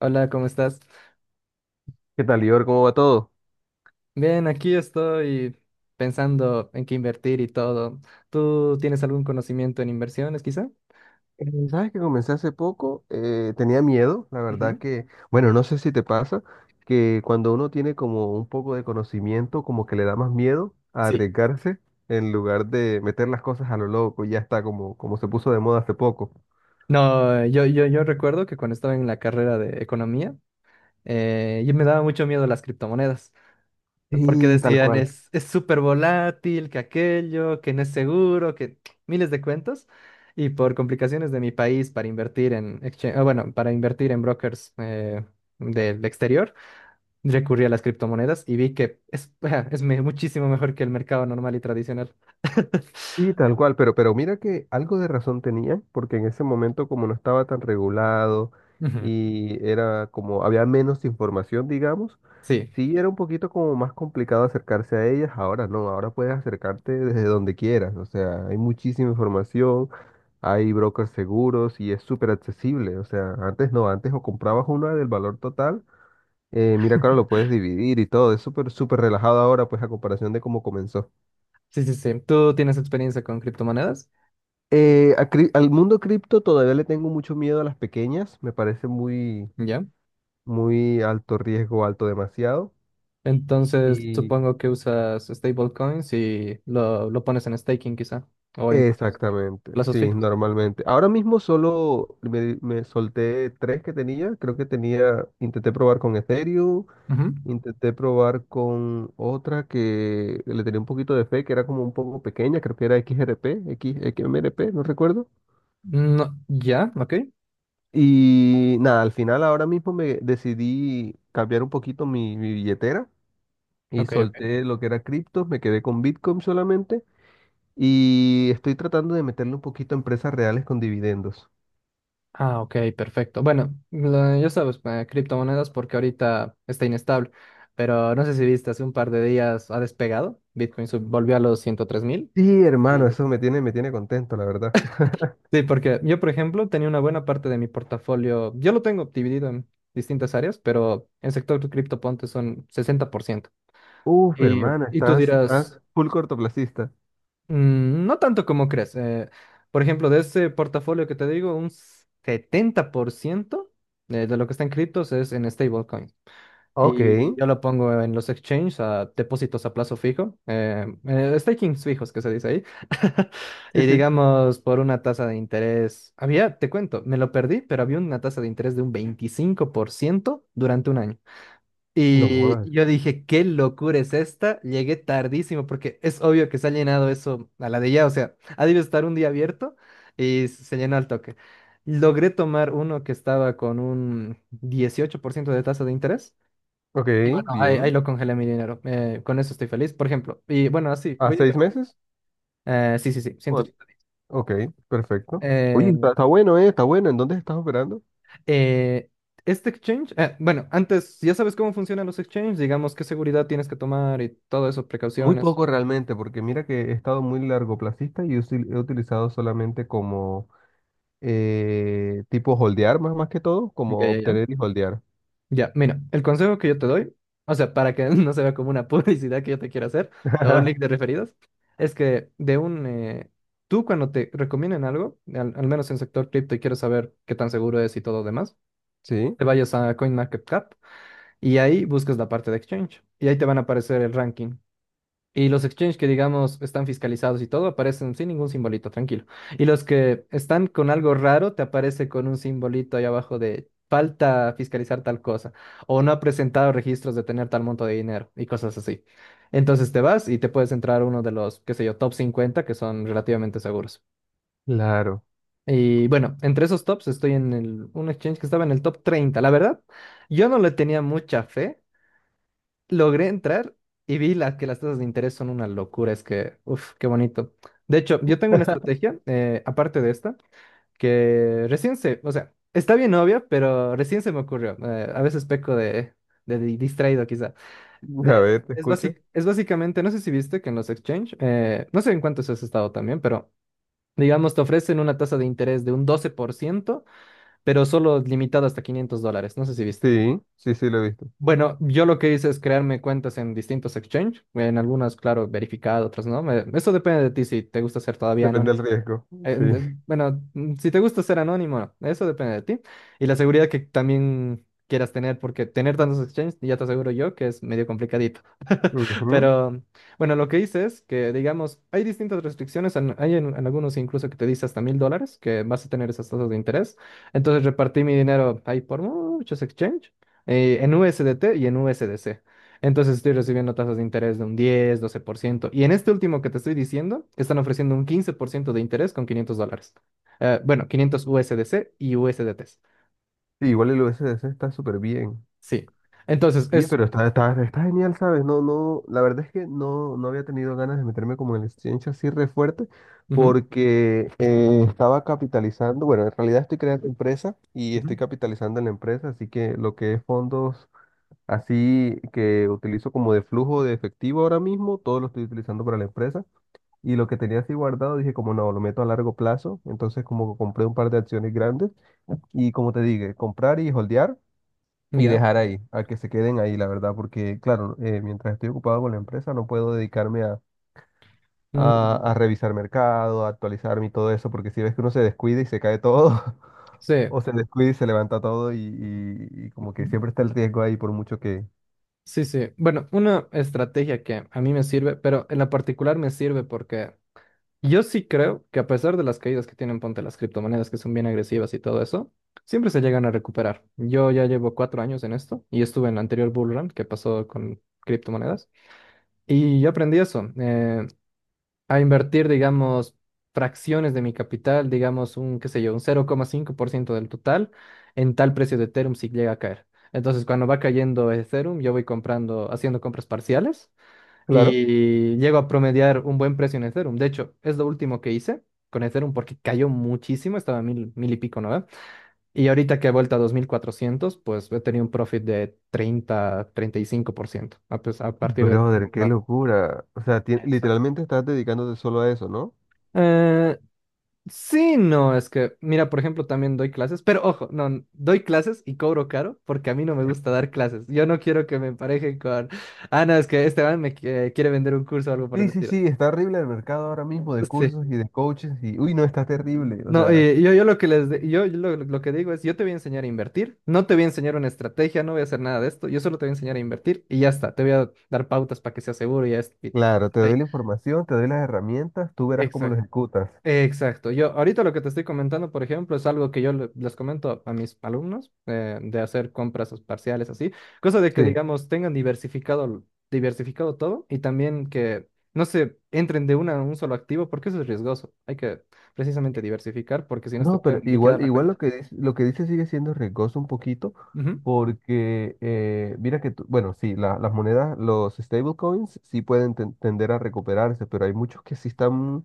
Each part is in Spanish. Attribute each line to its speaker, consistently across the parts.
Speaker 1: Hola, ¿cómo estás?
Speaker 2: ¿Qué tal, Lior? ¿Cómo va todo?
Speaker 1: Bien, aquí estoy pensando en qué invertir y todo. ¿Tú tienes algún conocimiento en inversiones, quizá?
Speaker 2: Eh, Sabes que comencé hace poco, tenía miedo, la verdad
Speaker 1: Ujú.
Speaker 2: que, bueno, no sé si te pasa, que cuando uno tiene como un poco de conocimiento, como que le da más miedo a
Speaker 1: Sí.
Speaker 2: arriesgarse en lugar de meter las cosas a lo loco, y ya está como, como se puso de moda hace poco.
Speaker 1: No, yo recuerdo que cuando estaba en la carrera de economía, yo me daba mucho miedo las criptomonedas, porque
Speaker 2: Sí, tal
Speaker 1: decían
Speaker 2: cual.
Speaker 1: es súper volátil, que aquello, que no es seguro, que miles de cuentos. Y por complicaciones de mi país para invertir en exchange, ah, bueno, para invertir en brokers del exterior. Recurrí a las criptomonedas y vi que es, muchísimo mejor que el mercado normal y tradicional.
Speaker 2: Sí, tal cual, pero mira que algo de razón tenía, porque en ese momento como no estaba tan regulado
Speaker 1: Ujú.
Speaker 2: y era como había menos información, digamos,
Speaker 1: Sí,
Speaker 2: sí era un poquito como más complicado acercarse a ellas, ahora no, ahora puedes acercarte desde donde quieras, o sea, hay muchísima información, hay brokers seguros y es súper accesible, o sea, antes no, antes o comprabas una del valor total, mira que ahora lo puedes dividir y todo, es súper, súper relajado ahora, pues a comparación de cómo comenzó.
Speaker 1: sí, sí, sí. Tú tienes experiencia con criptomonedas,
Speaker 2: Al mundo cripto todavía le tengo mucho miedo a las pequeñas, me parece muy,
Speaker 1: ¿ya?
Speaker 2: muy alto riesgo, alto demasiado.
Speaker 1: Entonces,
Speaker 2: Y
Speaker 1: supongo que usas stablecoins y lo pones en staking quizá, o en plazos
Speaker 2: exactamente,
Speaker 1: plazos
Speaker 2: sí,
Speaker 1: fijos.
Speaker 2: normalmente. Ahora mismo solo me solté tres que tenía, creo que tenía, intenté probar con Ethereum,
Speaker 1: Ujú.
Speaker 2: intenté probar con otra que le tenía un poquito de fe, que era como un poco pequeña, creo que era XRP, X, XMRP, no recuerdo.
Speaker 1: No, ya, ok,
Speaker 2: Y nada, al final ahora mismo me decidí cambiar un poquito mi billetera y
Speaker 1: ok, ok.
Speaker 2: solté lo que era criptos, me quedé con Bitcoin solamente y estoy tratando de meterle un poquito a empresas reales con dividendos.
Speaker 1: Ah, ok, perfecto. Bueno, ya sabes, criptomonedas porque ahorita está inestable, pero no sé si viste, hace un par de días ha despegado, Bitcoin volvió a los 103.000.
Speaker 2: Sí, hermano,
Speaker 1: Y-
Speaker 2: eso me tiene contento, la verdad.
Speaker 1: Sí, porque yo, por ejemplo, tenía una buena parte de mi portafolio, yo lo tengo dividido en distintas áreas, pero en sector cripto ponte son 60%.
Speaker 2: Uf,
Speaker 1: Y,
Speaker 2: hermano,
Speaker 1: y tú
Speaker 2: estás,
Speaker 1: dirás,
Speaker 2: estás full cortoplacista.
Speaker 1: "Mm, no tanto como crees. Por ejemplo, de ese portafolio que te digo, un 70% de lo que está en criptos es en stablecoins.
Speaker 2: Ok,
Speaker 1: Y yo lo pongo en los exchanges, a depósitos a plazo fijo, stakings fijos que se dice ahí.
Speaker 2: sí,
Speaker 1: Y
Speaker 2: sí.
Speaker 1: digamos, por una tasa de interés, había, te cuento, me lo perdí, pero había una tasa de interés de un 25% durante un año.
Speaker 2: No
Speaker 1: Y
Speaker 2: jodas.
Speaker 1: yo dije, qué locura es esta, llegué tardísimo porque es obvio que se ha llenado eso a la de ya, o sea, ha debido estar un día abierto y se llenó al toque. Logré tomar uno que estaba con un 18% de tasa de interés.
Speaker 2: Ok,
Speaker 1: Y bueno, ahí
Speaker 2: bien.
Speaker 1: lo congelé mi dinero. Con eso estoy feliz, por ejemplo. Y bueno, así,
Speaker 2: ¿A
Speaker 1: voy a...
Speaker 2: 6 meses?
Speaker 1: Sí, sí, sí,
Speaker 2: Bueno,
Speaker 1: 180 días.
Speaker 2: ok, perfecto. Oye,
Speaker 1: Eh,
Speaker 2: está, está bueno, ¿eh? Está bueno. ¿En dónde estás operando?
Speaker 1: eh, este exchange, bueno, antes, ya sabes cómo funcionan los exchanges, digamos qué seguridad tienes que tomar y todo eso,
Speaker 2: Muy
Speaker 1: precauciones.
Speaker 2: poco realmente, porque mira que he estado muy largoplacista y he utilizado solamente como tipo holdear más, más que todo,
Speaker 1: Ya,
Speaker 2: como
Speaker 1: ya, ya.
Speaker 2: obtener y holdear.
Speaker 1: Ya, mira, el consejo que yo te doy, o sea, para que no se vea como una publicidad que yo te quiero hacer o un link de referidos, es que tú cuando te recomienden algo, al menos en sector cripto y quieres saber qué tan seguro es y todo demás,
Speaker 2: Sí,
Speaker 1: te vayas a CoinMarketCap. Y ahí buscas la parte de exchange. Y ahí te van a aparecer el ranking. Y los exchanges que, digamos, están fiscalizados y todo, aparecen sin ningún simbolito, tranquilo. Y los que están con algo raro, te aparece con un simbolito ahí abajo de falta fiscalizar tal cosa. O no ha presentado registros de tener tal monto de dinero y cosas así. Entonces te vas y te puedes entrar a uno de los, qué sé yo, top 50 que son relativamente seguros.
Speaker 2: claro.
Speaker 1: Y bueno, entre esos tops estoy en el, un exchange que estaba en el top treinta. La verdad, yo no le tenía mucha fe, logré entrar y vi que las tasas de interés son una locura. Es que, uff, qué bonito. De hecho, yo tengo una estrategia, aparte de esta, que recién o sea, está bien obvia, pero recién se me ocurrió. A veces peco de distraído quizá.
Speaker 2: A
Speaker 1: Eh,
Speaker 2: ver, te escucho.
Speaker 1: es básicamente, no sé si viste que en los exchange, no sé en cuántos has estado también, pero digamos, te ofrecen una tasa de interés de un 12%, pero solo limitado hasta $500. No sé si viste.
Speaker 2: Sí, sí, sí, lo he visto.
Speaker 1: Bueno, yo lo que hice es crearme cuentas en distintos exchange, en algunas, claro, verificado, otras no. Eso depende de ti si te gusta ser todavía
Speaker 2: Depende del
Speaker 1: anónimo.
Speaker 2: riesgo. Sí.
Speaker 1: Bueno, si te gusta ser anónimo, no, eso depende de ti. Y la seguridad que también quieras tener, porque tener tantos exchanges, ya te aseguro yo que es medio complicadito.
Speaker 2: Ujú.
Speaker 1: Pero bueno, lo que hice es que, digamos, hay distintas restricciones. Hay en algunos incluso que te dice hasta $1.000 que vas a tener esas tasas de interés. Entonces repartí mi dinero ahí por muchos exchange, en USDT y en USDC. Entonces estoy recibiendo tasas de interés de un 10-12%. Y en este último que te estoy diciendo, están ofreciendo un 15% de interés con $500. Bueno, 500 USDC y USDT.
Speaker 2: Sí, igual el USDC está súper bien.
Speaker 1: Sí. Entonces
Speaker 2: Oye,
Speaker 1: es.
Speaker 2: pero está, está, está genial, ¿sabes? No, no, la verdad es que no, no había tenido ganas de meterme como en el exchange así re fuerte
Speaker 1: Ujú.
Speaker 2: porque estaba capitalizando, bueno, en realidad estoy creando empresa y
Speaker 1: Ujú.
Speaker 2: estoy capitalizando en la empresa, así que lo que es fondos así que utilizo como de flujo de efectivo ahora mismo, todo lo estoy utilizando para la empresa y lo que tenía así guardado dije como no, lo meto a largo plazo, entonces como que compré un par de acciones grandes y como te dije, comprar y holdear y
Speaker 1: Ya.
Speaker 2: dejar ahí, a que se queden ahí, la verdad, porque claro, mientras estoy ocupado con la empresa no puedo dedicarme
Speaker 1: Mm,
Speaker 2: a revisar mercado, a actualizarme y todo eso, porque si ves que uno se descuida y se cae todo,
Speaker 1: sí.
Speaker 2: o se descuida y se levanta todo y como que siempre está el riesgo ahí por mucho que...
Speaker 1: Sí, sí. Bueno, una estrategia que a mí me sirve, pero en la particular me sirve porque yo sí creo que a pesar de las caídas que tienen, ponte las criptomonedas que son bien agresivas y todo eso, siempre se llegan a recuperar. Yo ya llevo 4 años en esto y estuve en el anterior bull run que pasó con criptomonedas y yo aprendí eso. A invertir, digamos, fracciones de mi capital, digamos, un, qué sé yo, un 0,5% del total en tal precio de Ethereum si llega a caer. Entonces, cuando va cayendo Ethereum, yo voy comprando, haciendo compras parciales
Speaker 2: Claro.
Speaker 1: y llego a promediar un buen precio en Ethereum. De hecho, es lo último que hice con Ethereum porque cayó muchísimo, estaba a mil, mil y pico, ¿no? Y ahorita que he vuelto a 2.400 pues he tenido un profit de 30-35% a, a partir de lo que he
Speaker 2: Brother, qué
Speaker 1: comprado.
Speaker 2: locura. O sea,
Speaker 1: Exacto.
Speaker 2: literalmente estás dedicándote solo a eso, ¿no?
Speaker 1: Eh, sí, no, es que, mira, por ejemplo, también doy clases, pero ojo, no, doy clases y cobro caro porque a mí no me gusta dar clases. Yo no quiero que me emparejen con, ah, no, es que Esteban me quiere vender un curso o algo por el
Speaker 2: Sí, sí,
Speaker 1: estilo.
Speaker 2: sí, está horrible el mercado ahora mismo de
Speaker 1: Sí.
Speaker 2: cursos y de coaches y, uy, no, está terrible. O
Speaker 1: No,
Speaker 2: sea,
Speaker 1: y yo lo que digo es, yo te voy a enseñar a invertir, no te voy a enseñar una estrategia, no voy a hacer nada de esto, yo solo te voy a enseñar a invertir y ya está, te voy a dar pautas para que sea seguro y ya es.
Speaker 2: claro, te doy
Speaker 1: Sí,
Speaker 2: la información, te doy las herramientas, tú verás cómo lo
Speaker 1: exacto.
Speaker 2: ejecutas.
Speaker 1: Exacto. Yo ahorita lo que te estoy comentando, por ejemplo, es algo que yo les comento a mis alumnos, de hacer compras parciales así, cosa de que
Speaker 2: Sí.
Speaker 1: digamos tengan diversificado todo y también que no se entren de una a un solo activo porque eso es riesgoso. Hay que precisamente diversificar porque si no se te
Speaker 2: No,
Speaker 1: pueden
Speaker 2: pero
Speaker 1: liquidar
Speaker 2: igual,
Speaker 1: la
Speaker 2: igual
Speaker 1: cuenta.
Speaker 2: lo que dice sigue siendo riesgoso un poquito,
Speaker 1: Ujú.
Speaker 2: porque mira que, bueno, sí, las monedas, los stablecoins sí pueden tender a recuperarse, pero hay muchos que sí están,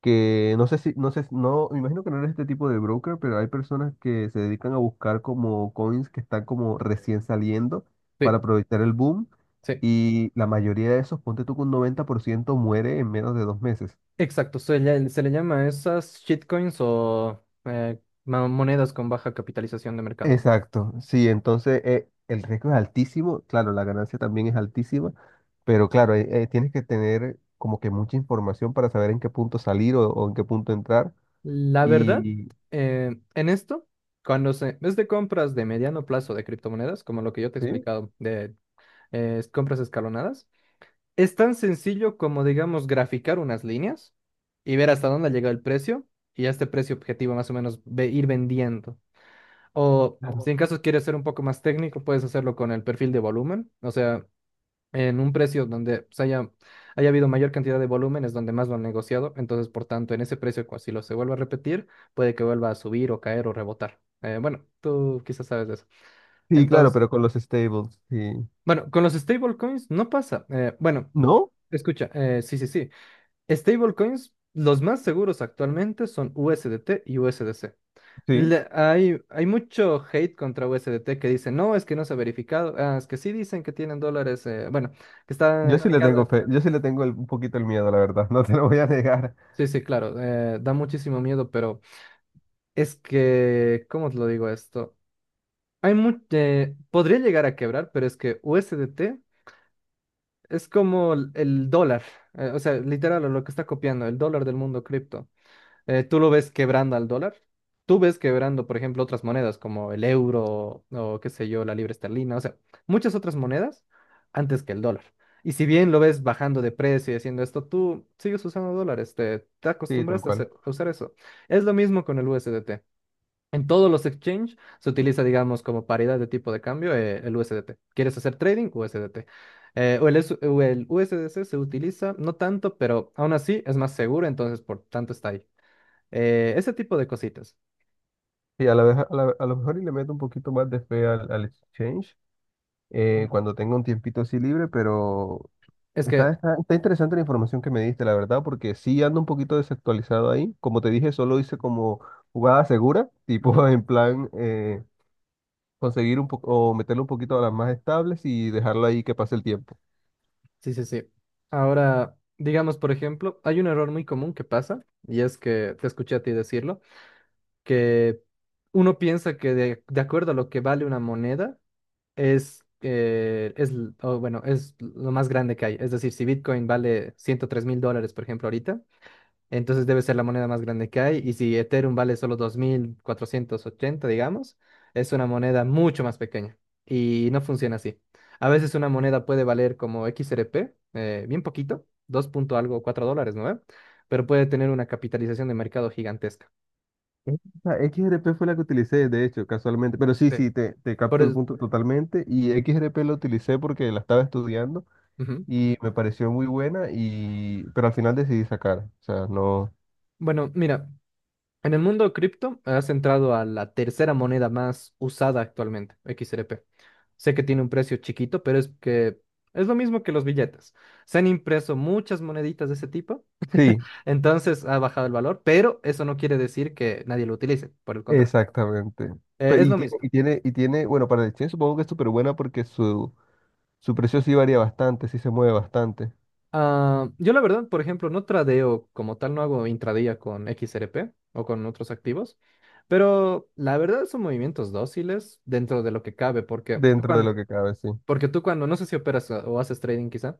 Speaker 2: que no sé si, no sé, no, me imagino que no eres este tipo de broker, pero hay personas que se dedican a buscar como coins que están como recién saliendo
Speaker 1: Sí,
Speaker 2: para aprovechar el boom,
Speaker 1: sí.
Speaker 2: y la mayoría de esos, ponte tú que un 90% muere en menos de dos meses.
Speaker 1: Exacto. Se le llama a esas shitcoins o monedas con baja capitalización de mercado.
Speaker 2: Exacto, sí, entonces el riesgo es altísimo, claro, la ganancia también es altísima, pero claro, tienes que tener como que mucha información para saber en qué punto salir o en qué punto entrar.
Speaker 1: La verdad,
Speaker 2: Y
Speaker 1: en esto, cuando es de compras de mediano plazo de criptomonedas, como lo que yo te he
Speaker 2: sí,
Speaker 1: explicado, de compras escalonadas, es tan sencillo como, digamos, graficar unas líneas y ver hasta dónde ha llegado el precio y a este precio objetivo más o menos ir vendiendo. O si
Speaker 2: claro.
Speaker 1: en caso quieres ser un poco más técnico, puedes hacerlo con el perfil de volumen. O sea, en un precio donde haya habido mayor cantidad de volúmenes, donde más lo han negociado. Entonces, por tanto, en ese precio, si lo se vuelve a repetir, puede que vuelva a subir o caer o rebotar. Bueno, tú quizás sabes de eso.
Speaker 2: Sí, claro,
Speaker 1: Entonces,
Speaker 2: pero con los stables, sí.
Speaker 1: bueno, con los stablecoins no pasa. Bueno,
Speaker 2: ¿No?
Speaker 1: escucha, sí, sí, sí. Stablecoins, los más seguros actualmente son USDT y USDC.
Speaker 2: Sí,
Speaker 1: Hay mucho hate contra USDT que dicen, no, es que no se ha verificado. Ah, es que sí dicen que tienen dólares. Bueno, que
Speaker 2: yo
Speaker 1: está,
Speaker 2: sí
Speaker 1: que
Speaker 2: le tengo
Speaker 1: cada,
Speaker 2: fe, yo sí le tengo un poquito el miedo, la verdad, no te lo voy a negar.
Speaker 1: sí, sí, claro, da muchísimo miedo, pero es que, ¿cómo te lo digo esto? Hay mucho, podría llegar a quebrar, pero es que U S D T es como el dólar, o sea, literal, lo que está copiando, el dólar del mundo cripto. ¿Tú lo ves quebrando al dólar? ¿Tú ves quebrando, por ejemplo, otras monedas como el euro o qué sé yo, la libra esterlina? O sea, muchas otras monedas antes que el dólar. Y si bien lo ves bajando de precio y haciendo esto, tú sigues usando dólares, te
Speaker 2: Sí, tal
Speaker 1: acostumbraste
Speaker 2: cual.
Speaker 1: a usar eso. Es lo mismo con el U S D T. En todos los exchanges se utiliza, digamos, como paridad de tipo de cambio el U S D T. ¿Quieres hacer trading? USDT. O el USDC se utiliza, no tanto, pero aún así es más seguro, entonces por tanto está ahí. Ese tipo de cositas.
Speaker 2: Sí, a la vez, a lo mejor y le meto un poquito más de fe al exchange cuando tenga un tiempito así libre, pero
Speaker 1: Es
Speaker 2: está,
Speaker 1: que,
Speaker 2: está, está interesante la información que me diste, la verdad, porque sí ando un poquito desactualizado ahí. Como te dije, solo hice como jugada segura,
Speaker 1: ujú,
Speaker 2: tipo en plan conseguir un poco o meterle un poquito a las más estables y dejarla ahí que pase el tiempo.
Speaker 1: sí, sí, sí. Ahora, digamos, por ejemplo, hay un error muy común que pasa, y es que te escuché a ti decirlo, que uno piensa que de acuerdo a lo que vale una moneda, es, l- o bueno, es lo más grande que hay. Es decir, si Bitcoin vale $103.000, por ejemplo, ahorita, entonces debe ser la moneda más grande que hay. Y si Ethereum vale solo 2.480 digamos, es una moneda mucho más pequeña. Y no funciona así. A veces una moneda puede valer como XRP, bien poquito, 2 punto algo, 4 dólares, ¿no? ¿Ve? Pero puede tener una capitalización de mercado gigantesca.
Speaker 2: Esta XRP fue la que utilicé, de hecho, casualmente, pero sí,
Speaker 1: Sí.
Speaker 2: sí, te
Speaker 1: Por
Speaker 2: capto el
Speaker 1: eso-
Speaker 2: punto totalmente. Y XRP la utilicé porque la estaba estudiando
Speaker 1: Ujú.
Speaker 2: y me pareció muy buena, y, pero al final decidí sacar. O sea, no.
Speaker 1: Bueno, mira, en el mundo cripto has entrado a la tercera moneda más usada actualmente, XRP. Sé que tiene un precio chiquito, pero es que es lo mismo que los billetes. Se han impreso muchas moneditas de ese tipo,
Speaker 2: Sí,
Speaker 1: entonces ha bajado el valor, pero eso no quiere decir que nadie lo utilice, por el contrario.
Speaker 2: exactamente.
Speaker 1: Es
Speaker 2: Y
Speaker 1: lo
Speaker 2: tiene,
Speaker 1: mismo.
Speaker 2: y tiene, y tiene, bueno, para la Exchange supongo que es súper buena porque su precio sí varía bastante, sí se mueve bastante
Speaker 1: Ah, yo la verdad, por ejemplo, no tradeo como tal, no hago intradía con XRP o con otros activos, pero la verdad son movimientos dóciles dentro de lo que cabe, porque tú
Speaker 2: dentro de lo que cabe, sí.
Speaker 1: porque tú cuando, no sé si operas ah, o haces trading quizá,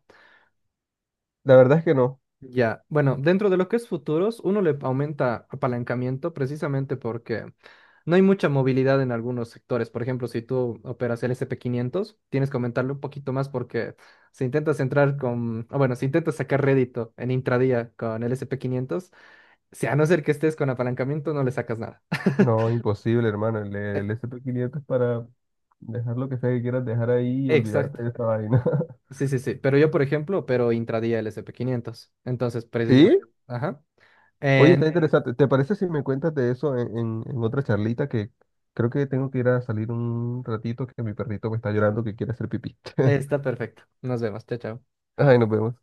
Speaker 2: La verdad es que no,
Speaker 1: ya, bueno, dentro de lo que es futuros, uno le aumenta apalancamiento precisamente porque no hay mucha movilidad en algunos sectores. Por ejemplo, si tú operas el S&P 500, tienes que aumentarle un poquito más porque si intentas entrar con, o bueno, si intentas sacar rédito en intradía con el S&P 500, si a no ser que estés con apalancamiento, no le sacas nada.
Speaker 2: no, imposible, hermano.
Speaker 1: Eh,
Speaker 2: El SP500 es para dejar lo que sea que quieras dejar ahí y
Speaker 1: exacto.
Speaker 2: olvidarte de esta vaina.
Speaker 1: Sí, sí, sí. Pero yo, por ejemplo, opero intradía el S&P 500. Entonces,
Speaker 2: ¿Sí?
Speaker 1: precisamente, ajá.
Speaker 2: Oye,
Speaker 1: Eh,
Speaker 2: está interesante. ¿Te parece si me cuentas de eso en otra charlita que creo que tengo que ir a salir un ratito que mi perrito me está llorando que quiere hacer pipí?
Speaker 1: está perfecto. Nos vemos. Chao, chao.
Speaker 2: Ay, nos vemos.